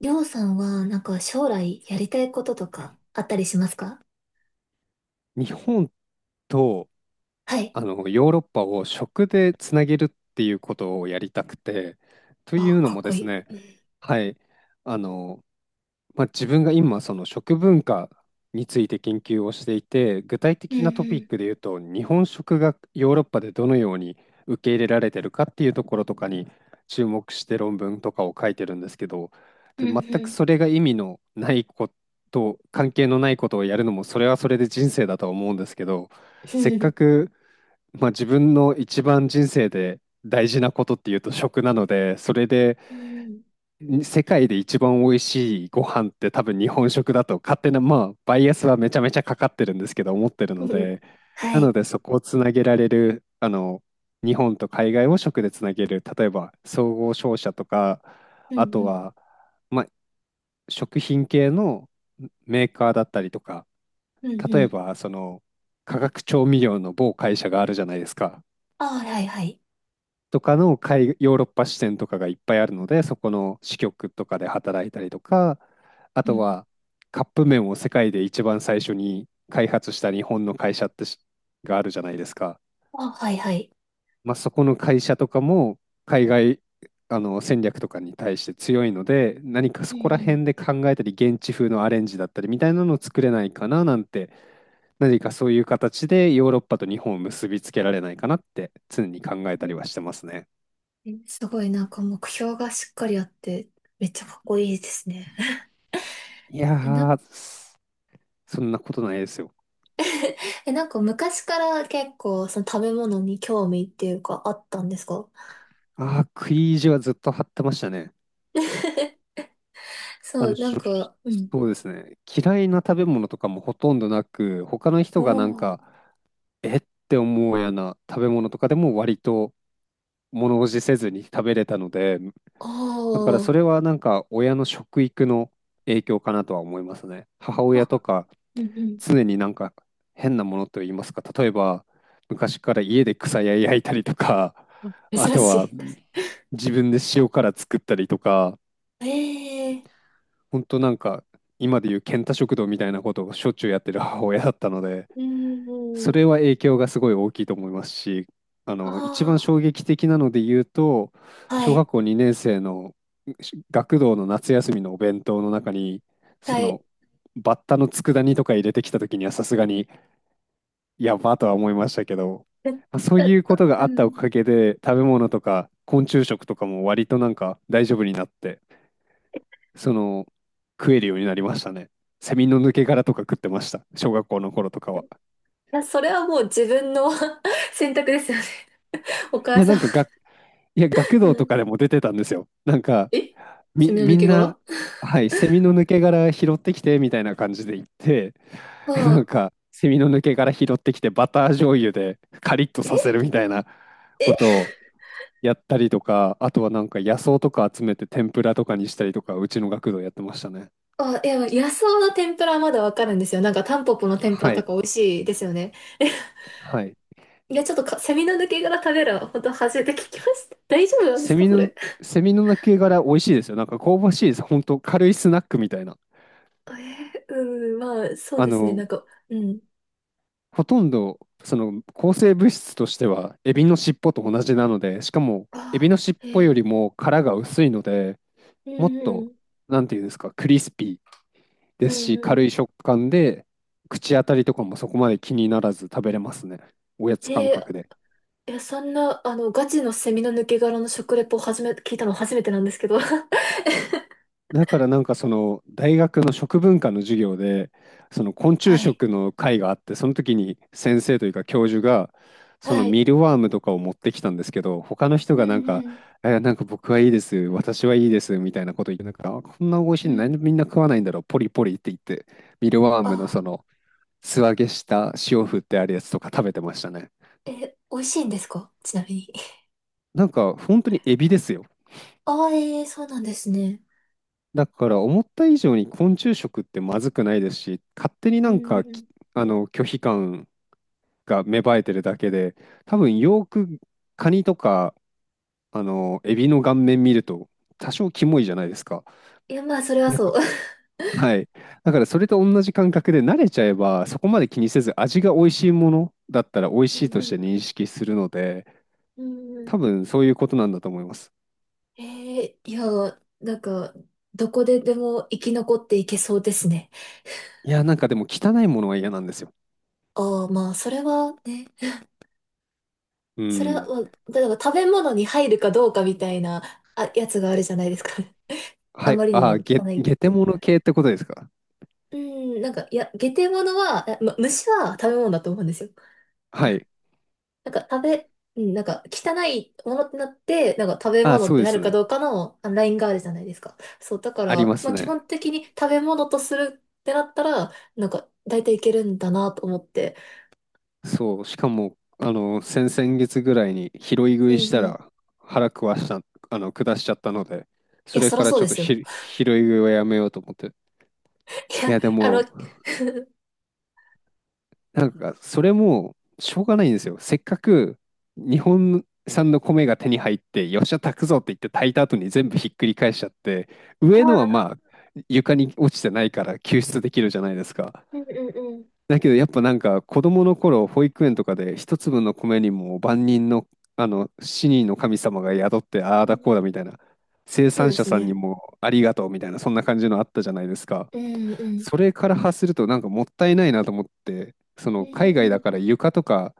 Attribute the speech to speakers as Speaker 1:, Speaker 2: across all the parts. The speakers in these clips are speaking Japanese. Speaker 1: りょうさんは、なんか将来やりたいこととかあったりしますか？
Speaker 2: 日本と
Speaker 1: はい。
Speaker 2: ヨーロッパを食でつなげるっていうことをやりたくて、とい
Speaker 1: あ、
Speaker 2: うの
Speaker 1: かっ
Speaker 2: もで
Speaker 1: こ
Speaker 2: す
Speaker 1: い
Speaker 2: ね、
Speaker 1: い。
Speaker 2: はい、あのまあ、自分が今その食文化について研究をしていて具体
Speaker 1: う
Speaker 2: 的なトピッ
Speaker 1: ん、
Speaker 2: クで言うと日本食がヨーロッパでどのように受け入れられてるかっていうところとかに注目して論文とかを書いてるんですけど、
Speaker 1: う
Speaker 2: で
Speaker 1: ん、う
Speaker 2: 全
Speaker 1: ん、う
Speaker 2: くそ
Speaker 1: ん
Speaker 2: れが意味のないこと関係のないことをやるのもそれはそれで人生だとは思うんですけど、
Speaker 1: う
Speaker 2: せっか
Speaker 1: ん、
Speaker 2: く、まあ、自分の一番人生で大事なことっていうと食なのでそれで
Speaker 1: うん
Speaker 2: 世界で一番美味しいご飯って多分日本食だと勝手な、まあ、バイアスはめちゃめちゃかかってるんですけど思ってる
Speaker 1: う
Speaker 2: の
Speaker 1: ん。
Speaker 2: で、
Speaker 1: は
Speaker 2: なの
Speaker 1: い。
Speaker 2: でそこをつなげられる、日本と海外を食でつなげる、例えば総合商社とか、
Speaker 1: うん、う
Speaker 2: あと
Speaker 1: ん、
Speaker 2: は、まあ、食品系のメーカーだったりとか、
Speaker 1: うん、
Speaker 2: 例
Speaker 1: う
Speaker 2: え
Speaker 1: ん、
Speaker 2: ばその化学調味料の某会社があるじゃないですか。
Speaker 1: あ、はいはい。
Speaker 2: とかのヨーロッパ支店とかがいっぱいあるので、そこの支局とかで働いたりとか、あ
Speaker 1: う
Speaker 2: と
Speaker 1: ん、
Speaker 2: はカップ麺を世界で一番最初に開発した日本の会社ってがあるじゃないですか。
Speaker 1: あ、はいはい。
Speaker 2: まあ、そこの会社とかも海外戦略とかに対して強いので、何か
Speaker 1: う
Speaker 2: そこら
Speaker 1: ん、
Speaker 2: 辺で考えたり、現地風のアレンジだったりみたいなのを作れないかななんて、何かそういう形でヨーロッパと日本を結びつけられないかなって常に考えたりは
Speaker 1: え
Speaker 2: してますね。
Speaker 1: え、すごいなんか目標がしっかりあって、めっちゃかっこいいですね。
Speaker 2: いや
Speaker 1: え、な、
Speaker 2: ー、そんなことないですよ。
Speaker 1: え、なんか昔から結構その食べ物に興味っていうかあったんですか？
Speaker 2: ああ、食い意地はずっと張ってましたね。あ
Speaker 1: そ
Speaker 2: の、
Speaker 1: う、な
Speaker 2: し
Speaker 1: ん
Speaker 2: ょ
Speaker 1: か、うん。
Speaker 2: そうですね。嫌いな食べ物とかもほとんどなく、他の人
Speaker 1: お
Speaker 2: がなんか、
Speaker 1: ー、
Speaker 2: えって思うような食べ物とかでも割と物おじせずに食べれたので、だからそ
Speaker 1: あ
Speaker 2: れはなんか親の食育の影響かなとは思いますね。母
Speaker 1: あ、
Speaker 2: 親
Speaker 1: あ、
Speaker 2: とか
Speaker 1: うん
Speaker 2: 常になんか変なものといいますか、例えば昔から家で草や焼いたりとか、
Speaker 1: うん。
Speaker 2: あ
Speaker 1: 珍
Speaker 2: と
Speaker 1: し
Speaker 2: は
Speaker 1: い。
Speaker 2: 自分で塩辛作ったりとか、
Speaker 1: ええ、
Speaker 2: 本当なんか今でいう健太食堂みたいなことをしょっちゅうやってる母親だったので、
Speaker 1: う
Speaker 2: そ
Speaker 1: ん。
Speaker 2: れは影響がすごい大きいと思いますし、一番
Speaker 1: あ
Speaker 2: 衝撃的なので言うと
Speaker 1: あ、は
Speaker 2: 小学
Speaker 1: い、
Speaker 2: 校2年生の学童の夏休みのお弁当の中にそ
Speaker 1: はい。
Speaker 2: の
Speaker 1: え、
Speaker 2: バッタの佃煮とか入れてきた時にはさすがにやばとは思いましたけど、
Speaker 1: えっ
Speaker 2: まあそういうことが
Speaker 1: う
Speaker 2: あったお
Speaker 1: ん。い
Speaker 2: かげで食べ物とか昆虫食とかも割となんか大丈夫になって、その、食えるようになりましたね。セミの抜け殻とか食ってました。小学校の頃とかは。
Speaker 1: や、それはもう自分の 選択ですよね。お
Speaker 2: い
Speaker 1: 母
Speaker 2: や、
Speaker 1: 様。
Speaker 2: 学
Speaker 1: う
Speaker 2: 童と
Speaker 1: ん。
Speaker 2: かでも出てたんですよ。なんか、
Speaker 1: え、セミの抜
Speaker 2: みん
Speaker 1: け殻、
Speaker 2: な、
Speaker 1: あ
Speaker 2: はい、セミの抜け殻拾ってきてみたいな感じで行って、なん
Speaker 1: あ、
Speaker 2: か、セミの抜け殻拾ってきて、バター醤油でカリッとさ
Speaker 1: え
Speaker 2: せるみたいなこと
Speaker 1: え、
Speaker 2: をやったりとか、あとはなんか野草とか集めて天ぷらとかにしたりとか、うちの学童やってましたね。
Speaker 1: あ、いや、野草の天ぷらはまだわかるんですよ。なんかタンポポの天ぷら
Speaker 2: はい、
Speaker 1: とか美味しいですよね。え、
Speaker 2: はい。
Speaker 1: いや、ちょっとか、セミの抜け殻食べるの、本当初めて聞きました。大丈夫なんです
Speaker 2: セ
Speaker 1: か、
Speaker 2: ミ
Speaker 1: そ
Speaker 2: の、
Speaker 1: れ。
Speaker 2: セミの鳴け殻美味しいですよ。なんか香ばしいです。本当軽いスナックみたいな。
Speaker 1: えー、うん、まあ、そう
Speaker 2: あ
Speaker 1: ですね。
Speaker 2: の、
Speaker 1: なんか、うん。
Speaker 2: ほとんど、抗生物質としては、エビの尻尾と同じなので、しかも、
Speaker 1: あ
Speaker 2: エビの
Speaker 1: あ、
Speaker 2: 尻
Speaker 1: え
Speaker 2: 尾よ
Speaker 1: ー、
Speaker 2: りも殻が薄いので、
Speaker 1: う
Speaker 2: もっ
Speaker 1: んう
Speaker 2: と、
Speaker 1: ん、
Speaker 2: なんていうんですか、クリスピーで
Speaker 1: うん
Speaker 2: すし、
Speaker 1: う
Speaker 2: 軽
Speaker 1: ん。
Speaker 2: い食感で、口当たりとかもそこまで気にならず食べれますね。おやつ
Speaker 1: え
Speaker 2: 感覚で。
Speaker 1: ー、いや、そんな、あの、ガチのセミの抜け殻の食レポを聞いたの初めてなんですけど。
Speaker 2: だからなんかその大学の食文化の授業でその昆虫
Speaker 1: はい、
Speaker 2: 食の会があって、その時に先生というか教授がその
Speaker 1: はい。
Speaker 2: ミルワームとかを持ってきたんですけど、他の人
Speaker 1: うん
Speaker 2: がなん
Speaker 1: う
Speaker 2: か
Speaker 1: ん、
Speaker 2: 「えなんか僕はいいです私はいいです」みたいなこと言って、なんかあこんな美味しい
Speaker 1: う
Speaker 2: のなんで
Speaker 1: ん。
Speaker 2: みんな食わないんだろうポリポリって言って、ミルワームのそ
Speaker 1: あ
Speaker 2: の素揚げした塩振ってあるやつとか食べてましたね。
Speaker 1: あ、えー、美味しいんですかちなみに？
Speaker 2: なんか本当にエビですよ。
Speaker 1: ああ、えー、そうなんですね。
Speaker 2: だから思った以上に昆虫食ってまずくないですし、勝手に
Speaker 1: う
Speaker 2: なん
Speaker 1: んう
Speaker 2: かき
Speaker 1: ん。
Speaker 2: あの拒否感が芽生えてるだけで、多分よーくカニとかエビの顔面見ると多少キモいじゃないですか。
Speaker 1: いや、まあ、それは
Speaker 2: なん
Speaker 1: そ
Speaker 2: か、
Speaker 1: う。
Speaker 2: はい。だからそれと同じ感覚で慣れちゃえばそこまで気にせず味が美味しいものだったら美味
Speaker 1: う
Speaker 2: しいとして
Speaker 1: ん
Speaker 2: 認識するので、
Speaker 1: うん、うんう
Speaker 2: 多
Speaker 1: ん。
Speaker 2: 分そういうことなんだと思います。
Speaker 1: えー、いや、なんか、どこででも生き残っていけそうですね。
Speaker 2: いや、なんかでも汚いものは嫌なんですよ。
Speaker 1: ああ、まあ、それはね。
Speaker 2: う
Speaker 1: それは、だ
Speaker 2: ん。
Speaker 1: から食べ物に入るかどうかみたいな、あ、やつがあるじゃないですか。あ
Speaker 2: はい。
Speaker 1: まりに
Speaker 2: あ
Speaker 1: も
Speaker 2: あ、ゲ、
Speaker 1: 汚い
Speaker 2: ゲテ
Speaker 1: と。
Speaker 2: モノ系ってことですか？
Speaker 1: うん、なんか、いや、下手物は、あま、虫は食べ物だと思うんですよ。
Speaker 2: はい。
Speaker 1: なんか食べ、うん、なんか汚いものってなって、なんか食べ
Speaker 2: あ、
Speaker 1: 物っ
Speaker 2: そう
Speaker 1: て
Speaker 2: で
Speaker 1: な
Speaker 2: す
Speaker 1: るか
Speaker 2: ね。
Speaker 1: どうかのあラインがあるじゃないですか。そう、だか
Speaker 2: ありま
Speaker 1: ら、ま
Speaker 2: す
Speaker 1: あ基
Speaker 2: ね。
Speaker 1: 本的に食べ物とするってなったら、なんか大体いけるんだなと思って。
Speaker 2: そう。しかも、先々月ぐらいに拾い
Speaker 1: う
Speaker 2: 食
Speaker 1: んうん。
Speaker 2: いした
Speaker 1: い
Speaker 2: ら腹壊した、下しちゃったので、そ
Speaker 1: や、
Speaker 2: れ
Speaker 1: そら
Speaker 2: から
Speaker 1: そう
Speaker 2: ちょっ
Speaker 1: で
Speaker 2: と
Speaker 1: すよ。
Speaker 2: 拾い食いはやめようと思って。
Speaker 1: い
Speaker 2: い
Speaker 1: や、
Speaker 2: や、で
Speaker 1: あの、あ、
Speaker 2: も、なんか、それも、しょうがないんですよ。せっかく、日本産の米が手に入って、よっしゃ、炊くぞって言って炊いた後に全部ひっくり返しちゃって、上のはま
Speaker 1: あ
Speaker 2: あ、床に落ちてないから救出できるじゃないですか。
Speaker 1: うんうんうん。
Speaker 2: だけどやっぱなんか子供の頃保育園とかで一粒の米にも万人の死人の神様が宿ってあ
Speaker 1: う
Speaker 2: あだ
Speaker 1: ん、
Speaker 2: こうだみたいな、生
Speaker 1: そう
Speaker 2: 産
Speaker 1: で
Speaker 2: 者
Speaker 1: す
Speaker 2: さんに
Speaker 1: ね。
Speaker 2: もありがとうみたいな、そんな感じのあったじゃないですか。
Speaker 1: うんう
Speaker 2: そ
Speaker 1: ん。
Speaker 2: れから発するとなんかもったいないなと思って、そ
Speaker 1: う
Speaker 2: の海外だ
Speaker 1: ん。
Speaker 2: から床とか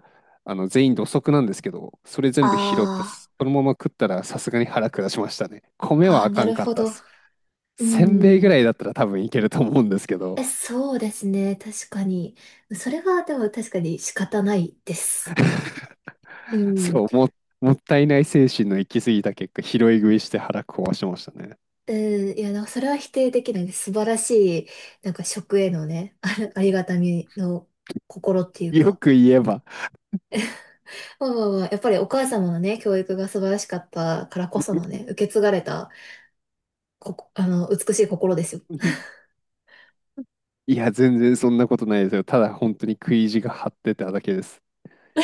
Speaker 2: 全員土足なんですけど、それ全部拾って
Speaker 1: あ
Speaker 2: そのまま食ったらさすがに腹下しましたね。
Speaker 1: ー、
Speaker 2: 米
Speaker 1: あ
Speaker 2: はあ
Speaker 1: ー、な
Speaker 2: かん
Speaker 1: る
Speaker 2: かっ
Speaker 1: ほ
Speaker 2: たっ
Speaker 1: ど。
Speaker 2: す。
Speaker 1: う
Speaker 2: せんべいぐ
Speaker 1: ん。
Speaker 2: らいだったら多分いけると思うんですけど、
Speaker 1: え、そうですね。確かに。それは、でも確かに仕方ないです。う ん。
Speaker 2: そう、もったいない精神の行き過ぎた結果、拾い食いして腹壊しましたね。
Speaker 1: うん。いや、なんかそれは否定できないです。素晴らしい、なんか食へのね、あ、ありがたみの心っていう
Speaker 2: よ
Speaker 1: か。
Speaker 2: く言えば。
Speaker 1: まあまあまあ、やっぱりお母様のね、教育が素晴らしかったからこそのね、受け継がれた、ここ、あの、美しい心ですよ。
Speaker 2: いや、全然そんなことないですよ。ただ本当に食い意地が張ってただけです。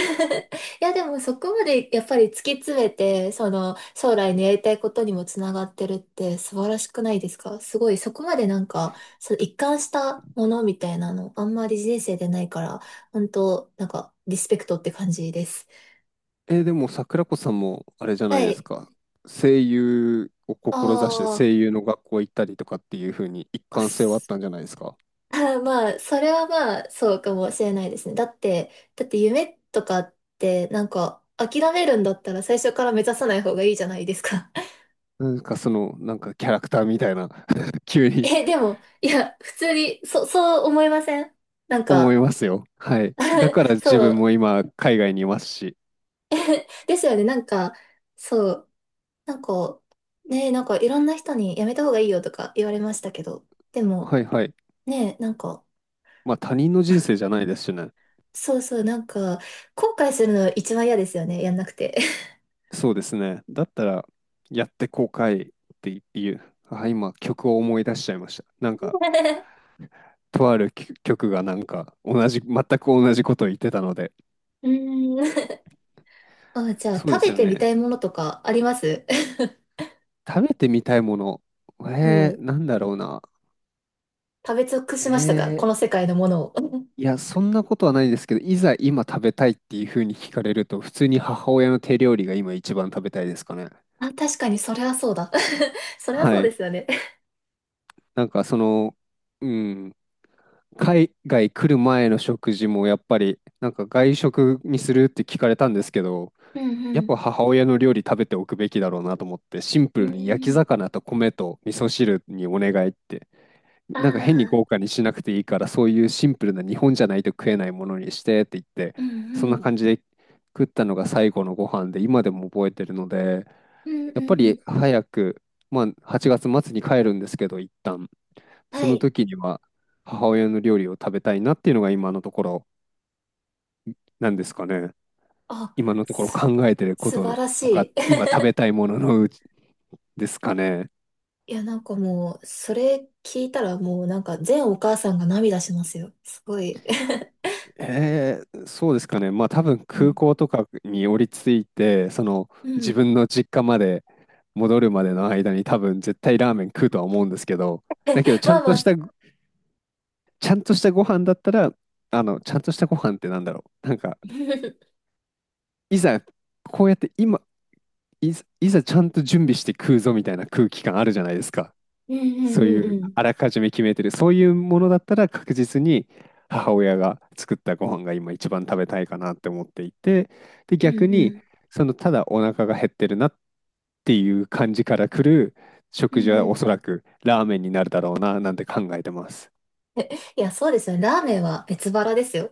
Speaker 1: いや、でもそこまでやっぱり突き詰めて、その将来のやりたいことにもつながってるって素晴らしくないですか？すごい、そこまでなんか、その一貫したものみたいなの、あんまり人生でないから、本当なんか、リスペクトって感じです。
Speaker 2: でも桜子さんもあれじゃな
Speaker 1: は
Speaker 2: いです
Speaker 1: い。
Speaker 2: か。声優を志して
Speaker 1: あ
Speaker 2: 声優の学校行ったりとかっていう風に一
Speaker 1: ー、あ、
Speaker 2: 貫性はあっ
Speaker 1: す、
Speaker 2: たんじゃないですか？
Speaker 1: まあ、それはまあ、そうかもしれないですね。だって、だって夢とかって、なんか、諦めるんだったら最初から目指さない方がいいじゃないですか。
Speaker 2: なんかキャラクターみたいな 急に。
Speaker 1: え、でも、いや、普通に、そ、そう思いません？なん
Speaker 2: 思い
Speaker 1: か、
Speaker 2: ますよ。はい。だから 自
Speaker 1: そ
Speaker 2: 分
Speaker 1: う。
Speaker 2: も今、海外にいますし。
Speaker 1: え、ですよね、なんか、そう。なんか、ね、なんかいろんな人にやめた方がいいよとか言われましたけど、でも、
Speaker 2: はいはい。
Speaker 1: ね、なんか、
Speaker 2: まあ他人の人生じゃないですしね。
Speaker 1: そうそう、なんか、後悔するの一番嫌ですよね、やんなくて。
Speaker 2: そうですね。だったら、やって後悔っていう。あ、今、曲を思い出しちゃいました。なんか、とある曲がなんか、同じ、全く同じことを言ってたので。
Speaker 1: うーん。あ、じゃあ、
Speaker 2: そう
Speaker 1: 食
Speaker 2: です
Speaker 1: べ
Speaker 2: よ
Speaker 1: てみた
Speaker 2: ね。
Speaker 1: いものとかあります？
Speaker 2: 食べてみたいもの。
Speaker 1: うん。
Speaker 2: なんだろうな。
Speaker 1: 食べ尽く
Speaker 2: え
Speaker 1: しましたかこの
Speaker 2: ー
Speaker 1: 世界のものを。
Speaker 2: いや、そんなことはないですけど、いざ今食べたいっていうふうに聞かれると、普通に母親の手料理が今一番食べたいですかね。
Speaker 1: あ、確かに、それはそうだ。それはそ
Speaker 2: は
Speaker 1: う
Speaker 2: い。
Speaker 1: ですよね。
Speaker 2: なんかその、うん、海外来る前の食事もやっぱり、なんか外食にするって聞かれたんですけど、
Speaker 1: うん
Speaker 2: や
Speaker 1: う
Speaker 2: っ
Speaker 1: ん。
Speaker 2: ぱ母親の料理食べておくべきだろうなと思って、シンプ
Speaker 1: うん
Speaker 2: ルに焼き
Speaker 1: うん。
Speaker 2: 魚と米と味噌汁にお願いって、
Speaker 1: あ
Speaker 2: なんか変に
Speaker 1: あ、
Speaker 2: 豪華にしなくていいから、そういうシンプルな日本じゃないと食えないものにしてって言って、
Speaker 1: う
Speaker 2: そ
Speaker 1: ん
Speaker 2: ん
Speaker 1: う
Speaker 2: な
Speaker 1: ん。
Speaker 2: 感じで食ったのが最後のご飯で、今でも覚えてるので、
Speaker 1: うんうんう
Speaker 2: やっぱり
Speaker 1: ん。
Speaker 2: 早く、まあ8月末に帰るんですけど、一旦、
Speaker 1: は
Speaker 2: その
Speaker 1: い。
Speaker 2: 時には母親の料理を食べたいなっていうのが今のところなんですかね。
Speaker 1: あ、
Speaker 2: 今のところ
Speaker 1: す、
Speaker 2: 考えてるこ
Speaker 1: 素
Speaker 2: と
Speaker 1: 晴
Speaker 2: の
Speaker 1: らし
Speaker 2: とか、
Speaker 1: い。
Speaker 2: 今食べたいもののうちですかね。
Speaker 1: いや、なんかもう、それ聞いたらもうなんか全お母さんが涙しますよ。すごい。
Speaker 2: そうですかね。まあ多分
Speaker 1: う
Speaker 2: 空
Speaker 1: ん。
Speaker 2: 港とかに降りついて、その
Speaker 1: う
Speaker 2: 自
Speaker 1: ん。
Speaker 2: 分の実家まで戻るまでの間に多分絶対ラーメン食うとは思うんですけど、だけどちゃ
Speaker 1: まあ
Speaker 2: ん
Speaker 1: ま
Speaker 2: とし
Speaker 1: あ。
Speaker 2: た、ちゃんとしたご飯だったら、ちゃんとしたご飯ってなんだろう。なんか、
Speaker 1: う
Speaker 2: いざこうやって今、いざちゃんと準備して食うぞみたいな空気感あるじゃないですか。
Speaker 1: んう
Speaker 2: そ
Speaker 1: ん
Speaker 2: うい
Speaker 1: うんう
Speaker 2: う
Speaker 1: ん。
Speaker 2: あらかじめ決めてる、そういうものだったら確実に母親が作ったご飯が今一番食べたいかなって思っていて、で、
Speaker 1: うん
Speaker 2: 逆
Speaker 1: う
Speaker 2: に、
Speaker 1: ん。
Speaker 2: そのただお腹が減ってるなっていう感じから来る
Speaker 1: う
Speaker 2: 食事
Speaker 1: ん
Speaker 2: は
Speaker 1: う
Speaker 2: お
Speaker 1: ん。
Speaker 2: そらくラーメンになるだろうななんて考えてます。
Speaker 1: いや、そうですよね。ラーメンは別腹ですよ。